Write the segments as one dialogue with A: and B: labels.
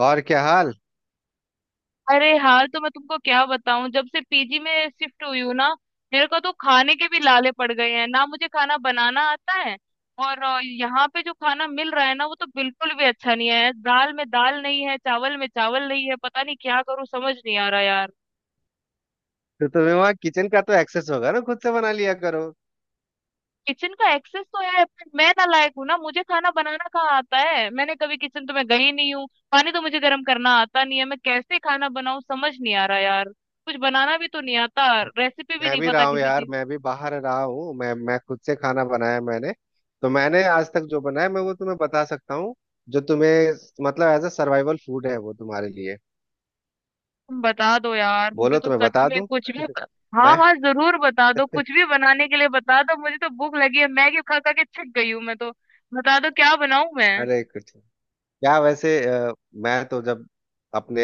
A: और क्या हाल?
B: अरे हाल तो मैं तुमको क्या बताऊं। जब से पीजी में शिफ्ट हुई हूँ ना, मेरे को तो खाने के भी लाले पड़ गए हैं। ना मुझे खाना बनाना आता है और यहाँ पे जो खाना मिल रहा है ना, वो तो बिल्कुल भी अच्छा नहीं है। दाल में दाल नहीं है, चावल में चावल नहीं है। पता नहीं क्या करूँ, समझ नहीं आ रहा यार।
A: तो तुम्हें वहाँ किचन का तो एक्सेस होगा ना, खुद से बना लिया करो।
B: किचन का एक्सेस तो है पर मैं ना लायक हूँ ना, मुझे खाना बनाना कहाँ आता है। मैंने कभी किचन तो मैं गई नहीं हूँ। पानी तो मुझे गर्म करना आता नहीं है, मैं कैसे खाना बनाऊँ? समझ नहीं आ रहा यार। कुछ बनाना भी तो नहीं आता। रेसिपी भी
A: मैं
B: नहीं
A: भी रहा
B: पता
A: हूँ
B: किसी
A: यार,
B: चीज।
A: मैं भी बाहर रहा हूँ। मैं खुद से खाना बनाया मैंने। तो मैंने आज तक जो बनाया मैं वो तुम्हें बता सकता हूँ। जो तुम्हें मतलब एज अ सर्वाइवल फूड है वो तुम्हारे लिए।
B: तुम बता दो यार, मुझे
A: बोलो,
B: तो
A: तुम्हें
B: सच
A: बता
B: में
A: दूँ?
B: कुछ भी। हाँ
A: मैं
B: हाँ, जरूर बता दो, कुछ भी बनाने के लिए बता दो। मुझे तो भूख लगी है, मैगी खा खा के थक गई हूँ मैं तो। बता दो क्या बनाऊं मैं।
A: अरे कुछ क्या वैसे अ, मैं तो जब अपने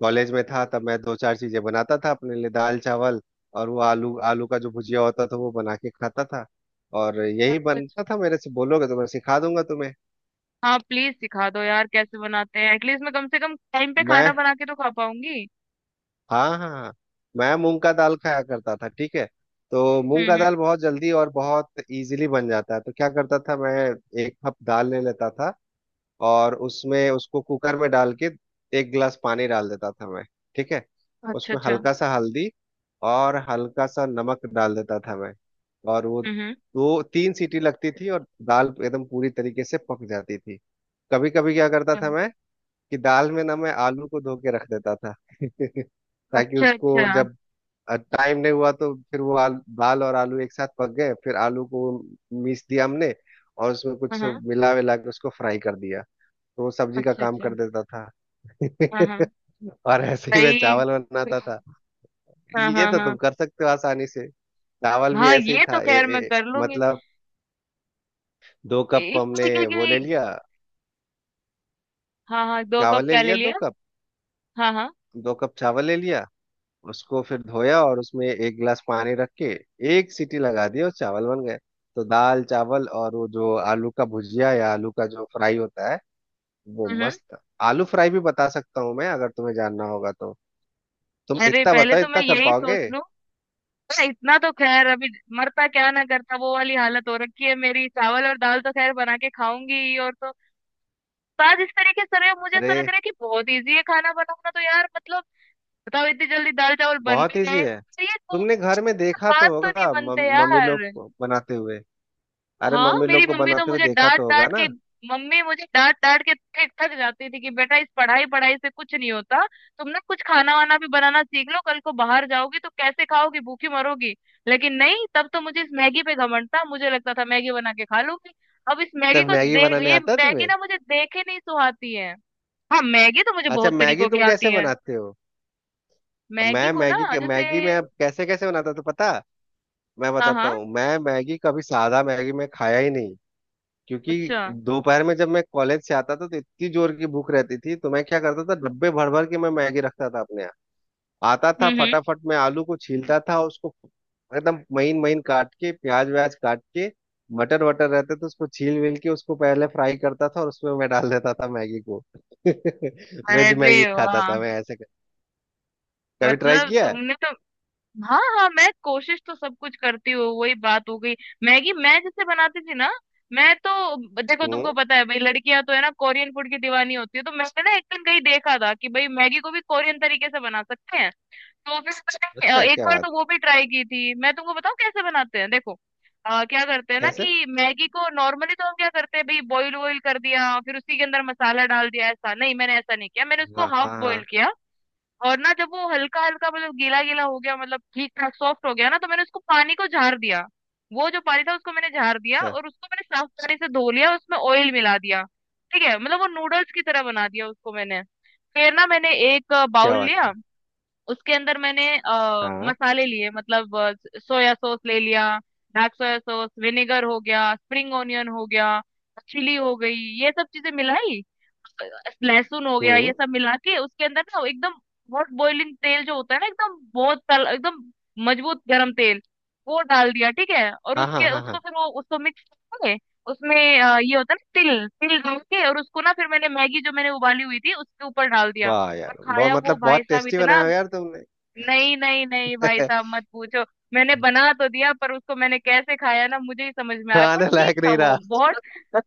A: कॉलेज में था, तब मैं 2-4 चीजें बनाता था अपने लिए, दाल चावल और वो आलू आलू का जो भुजिया होता था वो बना के खाता था। और
B: अच्छा
A: यही
B: अच्छा।
A: बनता था मेरे से। बोलोगे तो मैं सिखा दूंगा तुम्हें।
B: हाँ प्लीज सिखा दो यार, कैसे बनाते हैं? एटलीस्ट मैं कम से कम टाइम पे खाना
A: मैं
B: बना के तो खा पाऊंगी।
A: हाँ, हाँ, हाँ। मैं मूंग का दाल खाया करता था, ठीक है। तो मूंग का
B: हम्म।
A: दाल बहुत जल्दी और बहुत इजीली बन जाता है, तो क्या करता था मैं? एक कप दाल ले लेता था। और उसमें उसको कुकर में डाल के एक गिलास पानी डाल देता था मैं। ठीक है।
B: अच्छा
A: उसमें
B: अच्छा।
A: हल्का सा हल्दी और हल्का सा नमक डाल देता था मैं। और वो
B: हम्म
A: 2-3 सीटी लगती थी और दाल एकदम पूरी तरीके से पक जाती थी। कभी कभी क्या करता था
B: हम्म।
A: मैं? कि दाल में ना मैं आलू को धो के रख देता था। ताकि
B: अच्छा
A: उसको
B: अच्छा।
A: जब टाइम नहीं हुआ तो फिर वो दाल और आलू एक साथ पक गए, फिर आलू को मीस दिया हमने। और उसमें
B: हाँ
A: कुछ
B: हाँ।
A: मिला विला के उसको फ्राई कर दिया। तो वो सब्जी का
B: अच्छा
A: काम
B: अच्छा।
A: कर देता था।
B: हाँ हाँ।
A: और ऐसे ही मैं
B: दही।
A: चावल बनाता था।
B: हाँ
A: ये
B: हाँ
A: तो
B: हाँ।
A: तुम कर सकते हो आसानी से। चावल भी
B: हाँ
A: ऐसे ही
B: ये तो
A: था, ए,
B: खैर मैं
A: ए,
B: कर लूंगी।
A: मतलब दो कप
B: इस
A: हमने
B: तरीके
A: वो ले लिया।
B: की। हाँ हाँ, दो कप
A: चावल ले
B: क्या ले
A: लिया दो
B: लिया?
A: कप।
B: हाँ हाँ।
A: दो कप चावल ले लिया। उसको फिर धोया और उसमें एक गिलास पानी रख के एक सीटी लगा दी और चावल बन गए। तो दाल चावल और वो जो आलू का भुजिया या आलू का जो फ्राई होता है वो
B: हम्म।
A: मस्त। आलू फ्राई भी बता सकता हूँ मैं, अगर तुम्हें जानना होगा तो। तुम
B: अरे
A: इतना
B: पहले
A: बताओ,
B: तो मैं
A: इतना कर
B: यही सोच
A: पाओगे?
B: लूं। अरे इतना तो खैर अभी। मरता क्या ना करता वो वाली हालत हो रखी है मेरी। चावल और दाल तो खैर बना के खाऊंगी ही, और तो। तो आज इस तरीके से रहे हो, मुझे ऐसा
A: अरे,
B: लग रहा है कि बहुत इजी है खाना बनाना, तो यार मतलब। बताओ, इतनी जल्दी दाल चावल बन
A: बहुत
B: भी
A: इजी
B: गए
A: है।
B: तो ये तो।
A: तुमने घर में देखा
B: बात
A: तो
B: तो नहीं
A: होगा
B: बनते
A: मम्मी
B: यार।
A: लोग को बनाते हुए। अरे,
B: हाँ
A: मम्मी
B: मेरी
A: लोग को
B: मम्मी तो
A: बनाते हुए
B: मुझे
A: देखा
B: डांट
A: तो होगा
B: डांट
A: ना?
B: के। मम्मी मुझे डांट डांट के थक थक जाती थी कि बेटा इस पढ़ाई पढ़ाई से कुछ नहीं होता। तुम ना कुछ खाना वाना भी बनाना सीख लो, कल को बाहर जाओगी तो कैसे खाओगी? भूखी मरोगी। लेकिन नहीं, तब तो मुझे इस मैगी पे घमंड था, मुझे लगता था मैगी बना के खा लूंगी। अब इस मैगी
A: जब
B: को
A: मैगी
B: दे।
A: बनाने
B: ये
A: आता है
B: मैगी
A: तुम्हें?
B: ना मुझे देखे नहीं सुहाती है। हाँ मैगी तो मुझे
A: अच्छा,
B: बहुत
A: मैगी
B: तरीकों की
A: तुम
B: आती
A: कैसे
B: है।
A: बनाते हो? अब
B: मैगी
A: मैं
B: को ना। जैसे।
A: मैगी में अब कैसे कैसे बनाता हूं, तो पता। मैं
B: हाँ
A: बताता
B: हाँ।
A: हूँ, मैं मैगी कभी सादा मैगी मैं खाया ही नहीं। क्योंकि
B: अच्छा।
A: दोपहर में जब मैं कॉलेज से आता था तो इतनी जोर की भूख रहती थी तो मैं क्या करता था, डब्बे भर भर के मैं मैगी रखता था अपने यहाँ। आता था
B: हम्म।
A: फटाफट, मैं आलू को छीलता था उसको एकदम महीन महीन काट के, प्याज व्याज काट के, मटर वटर रहते तो उसको छील विल के उसको पहले फ्राई करता था और उसमें मैं डाल देता था मैगी को। वेज
B: अरे
A: मैगी खाता
B: वाह।
A: था मैं ऐसे कर। कभी ट्राई
B: मतलब
A: किया है?
B: तुमने तो। हाँ हाँ, मैं कोशिश तो सब कुछ करती हूँ, वही बात हो गई। मैगी मैं जैसे बनाती थी ना। मैं तो। देखो तुमको
A: हम्म।
B: पता है भाई, लड़कियां तो है ना कोरियन फूड की दीवानी होती है, तो मैंने ना एक दिन कहीं देखा था कि भाई मैगी को भी कोरियन तरीके से बना सकते हैं। तो फिर मैंने
A: अच्छा,
B: एक
A: क्या
B: बार
A: बात
B: तो
A: है।
B: वो भी ट्राई की थी। मैं तुमको बताऊँ कैसे बनाते हैं, देखो। क्या करते हैं ना
A: कैसे?
B: कि मैगी को नॉर्मली तो हम क्या करते हैं भाई, बॉईल वॉईल कर दिया फिर उसी के अंदर मसाला डाल दिया। ऐसा नहीं, मैंने ऐसा नहीं किया, मैंने उसको
A: हाँ,
B: हाफ
A: हाँ, हाँ।
B: बॉईल किया। और ना जब वो हल्का हल्का मतलब गीला गीला हो गया, मतलब ठीक ठाक सॉफ्ट हो गया ना, तो मैंने उसको पानी को झाड़ दिया। वो जो पानी था उसको मैंने झाड़ दिया,
A: अच्छा,
B: और उसको मैंने साफ पानी से धो लिया, उसमें ऑयल मिला दिया। ठीक है, मतलब वो नूडल्स की तरह बना दिया उसको मैंने। फिर ना मैंने एक
A: क्या
B: बाउल
A: बात
B: लिया।
A: है।
B: उसके अंदर मैंने
A: हाँ,
B: मसाले लिए, मतलब सोया सॉस ले लिया। डार्क सोया सॉस, विनेगर हो गया, स्प्रिंग ऑनियन हो गया, चिली हो गई, ये सब चीजें मिलाई। लहसुन हो गया, ये
A: हम्म।
B: सब मिला के उसके अंदर ना एकदम हॉट बॉइलिंग तेल जो होता है ना, एकदम बहुत तल एकदम मजबूत गर्म तेल, वो डाल दिया। ठीक है, और
A: हाँ, हाँ,
B: उसके
A: हाँ,
B: उसको
A: हाँ।
B: फिर वो उसको मिक्स करके उसमें ये होता है ना तिल, तिल डाल के, और उसको ना फिर मैंने मैगी जो मैंने उबाली हुई थी उसके ऊपर डाल दिया।
A: वाह
B: और
A: यार, बहुत
B: खाया वो
A: मतलब
B: भाई
A: बहुत
B: साहब
A: टेस्टी
B: इतना।
A: बनाया हो यार तुमने।
B: नहीं नहीं नहीं भाई साहब, मत पूछो। मैंने बना तो दिया पर उसको मैंने कैसे खाया ना, मुझे ही समझ में आ रहा, पर
A: खाने
B: ठीक
A: लायक
B: था
A: नहीं
B: वो
A: रहा?
B: बहुत।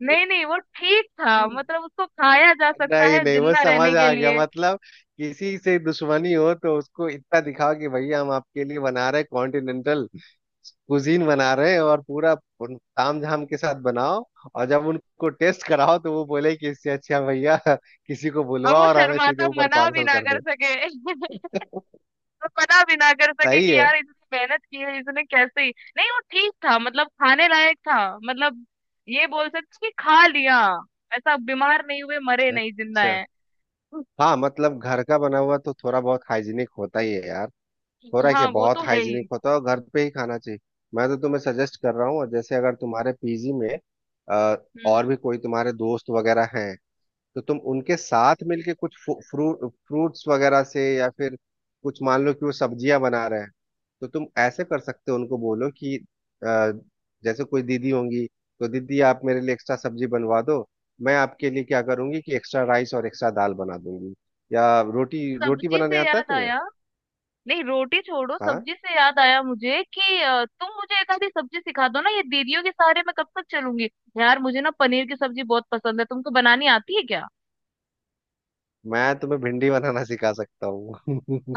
B: नहीं नहीं, वो ठीक था, मतलब उसको खाया जा सकता
A: नहीं
B: है
A: नहीं, वो
B: जिंदा रहने
A: समझ
B: के
A: आ गया
B: लिए।
A: मतलब। किसी से दुश्मनी हो तो उसको इतना दिखाओ कि भैया, हम आपके लिए बना रहे कॉन्टिनेंटल कुजीन बना रहे हैं और पूरा ताम झाम के साथ बनाओ। और जब उनको टेस्ट कराओ तो वो बोले कि इससे अच्छा भैया किसी को
B: और वो
A: बुलवाओ और हमें सीधे
B: शर्माता,
A: ऊपर
B: मना भी
A: पार्सल
B: ना
A: कर
B: कर
A: दो।
B: सके। वो मना भी ना कर सके
A: सही
B: कि
A: है।
B: यार इसने मेहनत की है, इसने कैसे ही। नहीं, वो ठीक था, मतलब खाने लायक था। मतलब ये बोल सकते हैं कि खा लिया। ऐसा बीमार नहीं हुए, मरे नहीं, जिंदा
A: अच्छा।
B: है।
A: हाँ मतलब घर का बना हुआ तो थोड़ा बहुत हाइजीनिक होता ही है यार। हो रहा है क्या?
B: हाँ वो
A: बहुत
B: तो है ही।
A: हाइजीनिक होता है और घर पे ही खाना चाहिए। मैं तो तुम्हें सजेस्ट कर रहा हूँ। और जैसे अगर तुम्हारे पीजी में अ,
B: हम्म
A: और
B: हम्म।
A: भी कोई तुम्हारे दोस्त वगैरह हैं, तो तुम उनके साथ मिलके कुछ फ्रूट्स वगैरह से या फिर कुछ मान लो कि वो सब्जियां बना रहे हैं, तो तुम ऐसे कर सकते हो। उनको बोलो कि जैसे कोई दीदी होंगी, तो दीदी आप मेरे लिए एक्स्ट्रा सब्जी बनवा दो, मैं आपके लिए क्या करूंगी कि एक्स्ट्रा राइस और एक्स्ट्रा दाल बना दूंगी। या रोटी, रोटी
B: सब्जी
A: बनाने
B: से
A: आता है
B: याद
A: तुम्हें?
B: आया। नहीं रोटी छोड़ो,
A: हाँ,
B: सब्जी से याद आया मुझे कि तुम मुझे एक आधी सब्जी सिखा दो ना, ये दीदियों के सहारे मैं कब तक चलूंगी। यार मुझे ना पनीर की सब्जी बहुत पसंद है, तुमको बनानी आती है क्या?
A: मैं तुम्हें भिंडी बनाना सिखा सकता हूँ।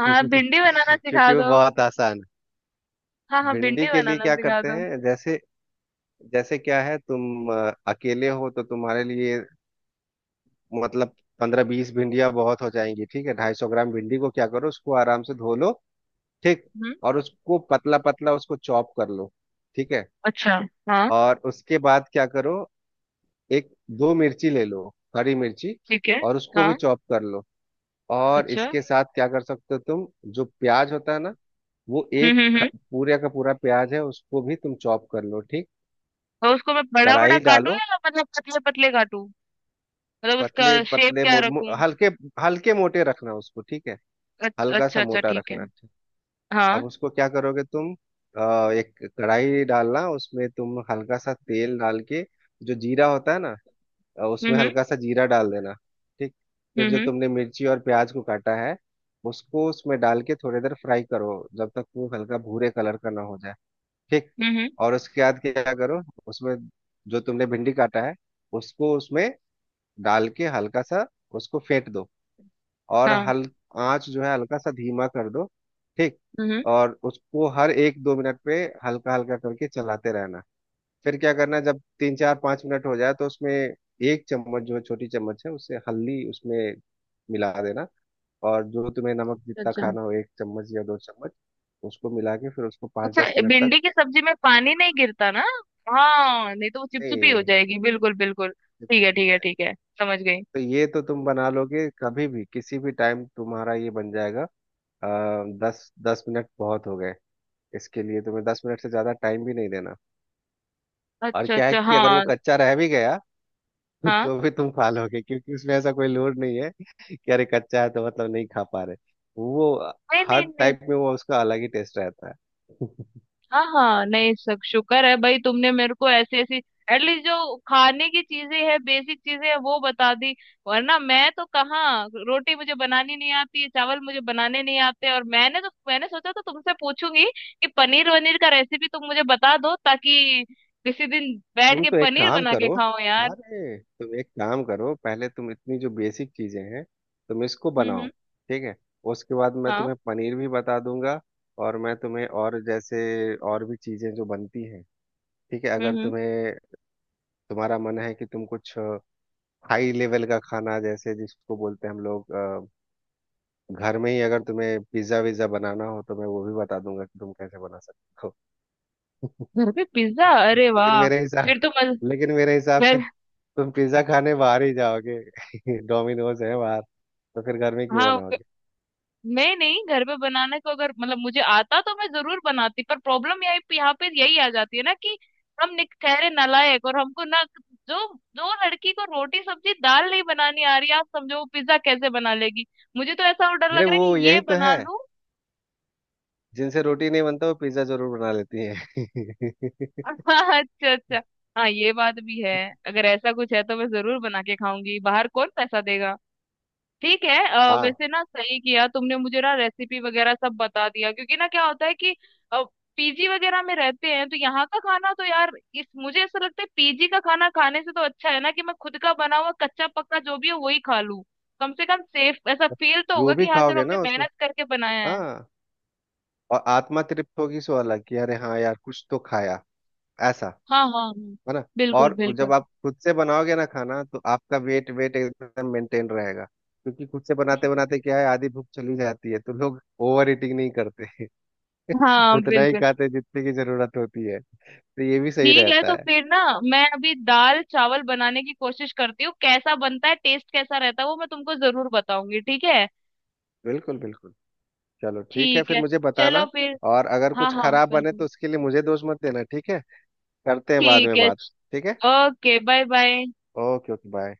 B: हाँ भिंडी बनाना सिखा
A: क्योंकि वो
B: दो।
A: बहुत आसान है।
B: हाँ हाँ
A: भिंडी
B: भिंडी
A: के लिए
B: बनाना
A: क्या
B: सिखा
A: करते
B: दो।
A: हैं, जैसे, जैसे क्या है, तुम अकेले हो तो तुम्हारे लिए मतलब 15-20 भिंडियाँ बहुत हो जाएंगी, ठीक है। 250 ग्राम भिंडी को क्या करो, उसको आराम से धो लो, ठीक।
B: हम्म।
A: और उसको पतला पतला उसको चॉप कर लो, ठीक है।
B: अच्छा। हाँ।
A: और उसके बाद क्या करो? एक दो मिर्ची ले लो, हरी मिर्ची,
B: ठीक है।
A: और उसको भी
B: हाँ।
A: चॉप कर लो। और
B: अच्छा।
A: इसके साथ क्या कर सकते हो तुम? जो प्याज होता है ना, वो एक
B: हम्म।
A: पूरे का पूरा प्याज है उसको भी तुम चॉप कर लो, ठीक।
B: और उसको मैं बड़ा बड़ा
A: कढ़ाई
B: काटूं
A: डालो,
B: या मतलब पतले पतले काटूं? मतलब उसका
A: पतले
B: शेप
A: पतले
B: क्या रखूं?
A: हल्के हल्के मोटे रखना उसको, ठीक है।
B: अच्छा
A: हल्का
B: अच्छा
A: सा
B: अच्छा
A: मोटा
B: ठीक है।
A: रखना, ठीक। अब
B: हाँ।
A: उसको क्या करोगे तुम? एक कढ़ाई डालना, उसमें तुम हल्का सा तेल डाल के जो जीरा होता है ना, उसमें
B: हम्म
A: हल्का सा जीरा डाल देना, ठीक। फिर
B: हम्म।
A: जो तुमने मिर्ची और प्याज को काटा है उसको उसमें डाल के थोड़ी देर फ्राई करो, जब तक वो हल्का भूरे कलर का ना हो जाए, ठीक।
B: हम्म हम्म,
A: और उसके बाद क्या करो? उसमें जो तुमने भिंडी काटा है उसको उसमें डाल के हल्का सा उसको फेंट दो। और
B: हाँ।
A: हल आंच जो है हल्का सा धीमा कर दो, ठीक।
B: हम्म हम्म,
A: और उसको हर एक दो मिनट पे हल्का हल्का करके चलाते रहना। फिर क्या करना जब तीन चार पाँच मिनट हो जाए तो उसमें एक चम्मच जो है, छोटी चम्मच है, उससे हल्दी उसमें मिला देना, और जो तुम्हें नमक जितना
B: अच्छा
A: खाना हो, एक चम्मच या दो चम्मच उसको मिला के फिर उसको पाँच
B: अच्छा।
A: दस मिनट तक।
B: भिंडी की सब्जी में पानी नहीं गिरता ना? हाँ नहीं तो वो चिपचिपी हो
A: ए,
B: जाएगी। बिल्कुल बिल्कुल, ठीक है
A: चिपचिपी हो
B: ठीक है
A: जाएगी।
B: ठीक है। समझ गई।
A: तो ये तो तुम बना लोगे, कभी भी किसी भी टाइम तुम्हारा ये बन जाएगा। आ, दस दस मिनट बहुत हो गए, इसके लिए तुम्हें 10 मिनट से ज्यादा टाइम भी नहीं देना। और
B: अच्छा
A: क्या है
B: अच्छा।
A: कि अगर वो
B: हाँ
A: कच्चा रह भी गया
B: हाँ।
A: तो भी तुम खा लोगे, क्योंकि उसमें ऐसा कोई लोड नहीं है कि अरे कच्चा है तो मतलब नहीं खा पा रहे। वो
B: नहीं
A: हर
B: नहीं नहीं।
A: टाइप में वो उसका अलग ही टेस्ट रहता है।
B: हाँ हाँ। नहीं, सब शुक्र है भाई, तुमने मेरे को ऐसी ऐसी एटलीस्ट जो खाने की चीजें है, बेसिक चीजें है वो बता दी। वरना मैं तो कहाँ, रोटी मुझे बनानी नहीं आती है, चावल मुझे बनाने नहीं आते। और मैंने सोचा तो तुमसे पूछूंगी कि पनीर वनीर का रेसिपी तुम मुझे बता दो, ताकि किसी दिन बैठ
A: तुम
B: के
A: तो एक
B: पनीर
A: काम
B: बना के
A: करो।
B: खाओ यार।
A: अरे तुम एक काम करो, पहले तुम इतनी जो बेसिक चीजें हैं तुम इसको बनाओ,
B: हम्म।
A: ठीक है। उसके बाद मैं
B: हाँ।
A: तुम्हें पनीर भी बता दूंगा। और मैं तुम्हें और जैसे और भी चीजें जो बनती हैं, ठीक है। अगर
B: हम्म।
A: तुम्हें तुम्हारा मन है कि तुम कुछ हाई लेवल का खाना जैसे जिसको बोलते हैं हम लोग, घर में ही अगर तुम्हें पिज्जा विज्जा बनाना हो तो मैं वो भी बता दूंगा कि तुम कैसे बना सकते हो।
B: घर पे पिज्जा, अरे
A: लेकिन
B: वाह।
A: मेरे हिसाब
B: फिर तो मज
A: लेकिन मेरे हिसाब से
B: फिर।
A: तुम पिज्जा खाने बाहर ही जाओगे। डोमिनोज है बाहर, तो फिर घर में क्यों
B: हाँ।
A: बनाओगे?
B: मैं नहीं, घर पे बनाने को अगर मतलब मुझे आता तो मैं जरूर बनाती, पर प्रॉब्लम यही यहाँ पे यही आ जाती है ना कि हम ठहरे नालायक और हमको ना। जो जो लड़की को रोटी सब्जी दाल नहीं बनानी आ रही, आप समझो वो पिज्जा कैसे बना लेगी। मुझे तो ऐसा और डर
A: अरे,
B: लग रहा है
A: वो
B: कि ये
A: यही तो
B: बना
A: है,
B: लूं।
A: जिनसे रोटी नहीं बनता वो पिज्जा जरूर बना लेती है।
B: हाँ, अच्छा अच्छा। हाँ ये बात भी है। अगर ऐसा कुछ है तो मैं जरूर बना के खाऊंगी, बाहर कौन पैसा देगा। ठीक है,
A: हाँ,
B: वैसे ना सही किया तुमने, मुझे ना रेसिपी वगैरह सब बता दिया, क्योंकि ना क्या होता है कि पीजी वगैरह में रहते हैं तो यहाँ का खाना तो यार। इस मुझे ऐसा लगता है पीजी का खाना खाने से तो अच्छा है ना कि मैं खुद का बना हुआ कच्चा पक्का जो भी है वही खा लूं। कम से कम सेफ ऐसा फील तो
A: जो
B: होगा
A: भी
B: कि हाँ चलो
A: खाओगे
B: हमने
A: ना उसमें,
B: मेहनत करके बनाया है।
A: हाँ, और आत्मा तृप्त होगी सो अलग, कि अरे हाँ यार कुछ तो खाया, ऐसा
B: हाँ हाँ हाँ,
A: है ना।
B: बिल्कुल
A: और
B: बिल्कुल।
A: जब आप खुद से बनाओगे ना खाना तो आपका वेट वेट एकदम मेंटेन रहेगा क्योंकि खुद से बनाते बनाते क्या है, आधी भूख चली जाती है तो लोग ओवर ईटिंग नहीं करते,
B: हाँ
A: उतना ही
B: बिल्कुल।
A: खाते जितने की जरूरत होती है। तो ये भी सही
B: ठीक है
A: रहता
B: तो
A: है।
B: फिर ना, मैं अभी दाल चावल बनाने की कोशिश करती हूँ, कैसा बनता है टेस्ट कैसा रहता है वो मैं तुमको जरूर बताऊंगी, ठीक है?
A: बिल्कुल, बिल्कुल। चलो ठीक है,
B: ठीक
A: फिर
B: है,
A: मुझे
B: चलो
A: बताना।
B: फिर।
A: और अगर
B: हाँ
A: कुछ
B: हाँ
A: खराब बने तो
B: बिल्कुल।
A: उसके लिए मुझे दोष मत देना, ठीक है। करते हैं बाद
B: ठीक
A: में
B: है।
A: बात। ठीक है।
B: Okay bye bye.
A: Okay, okay bye.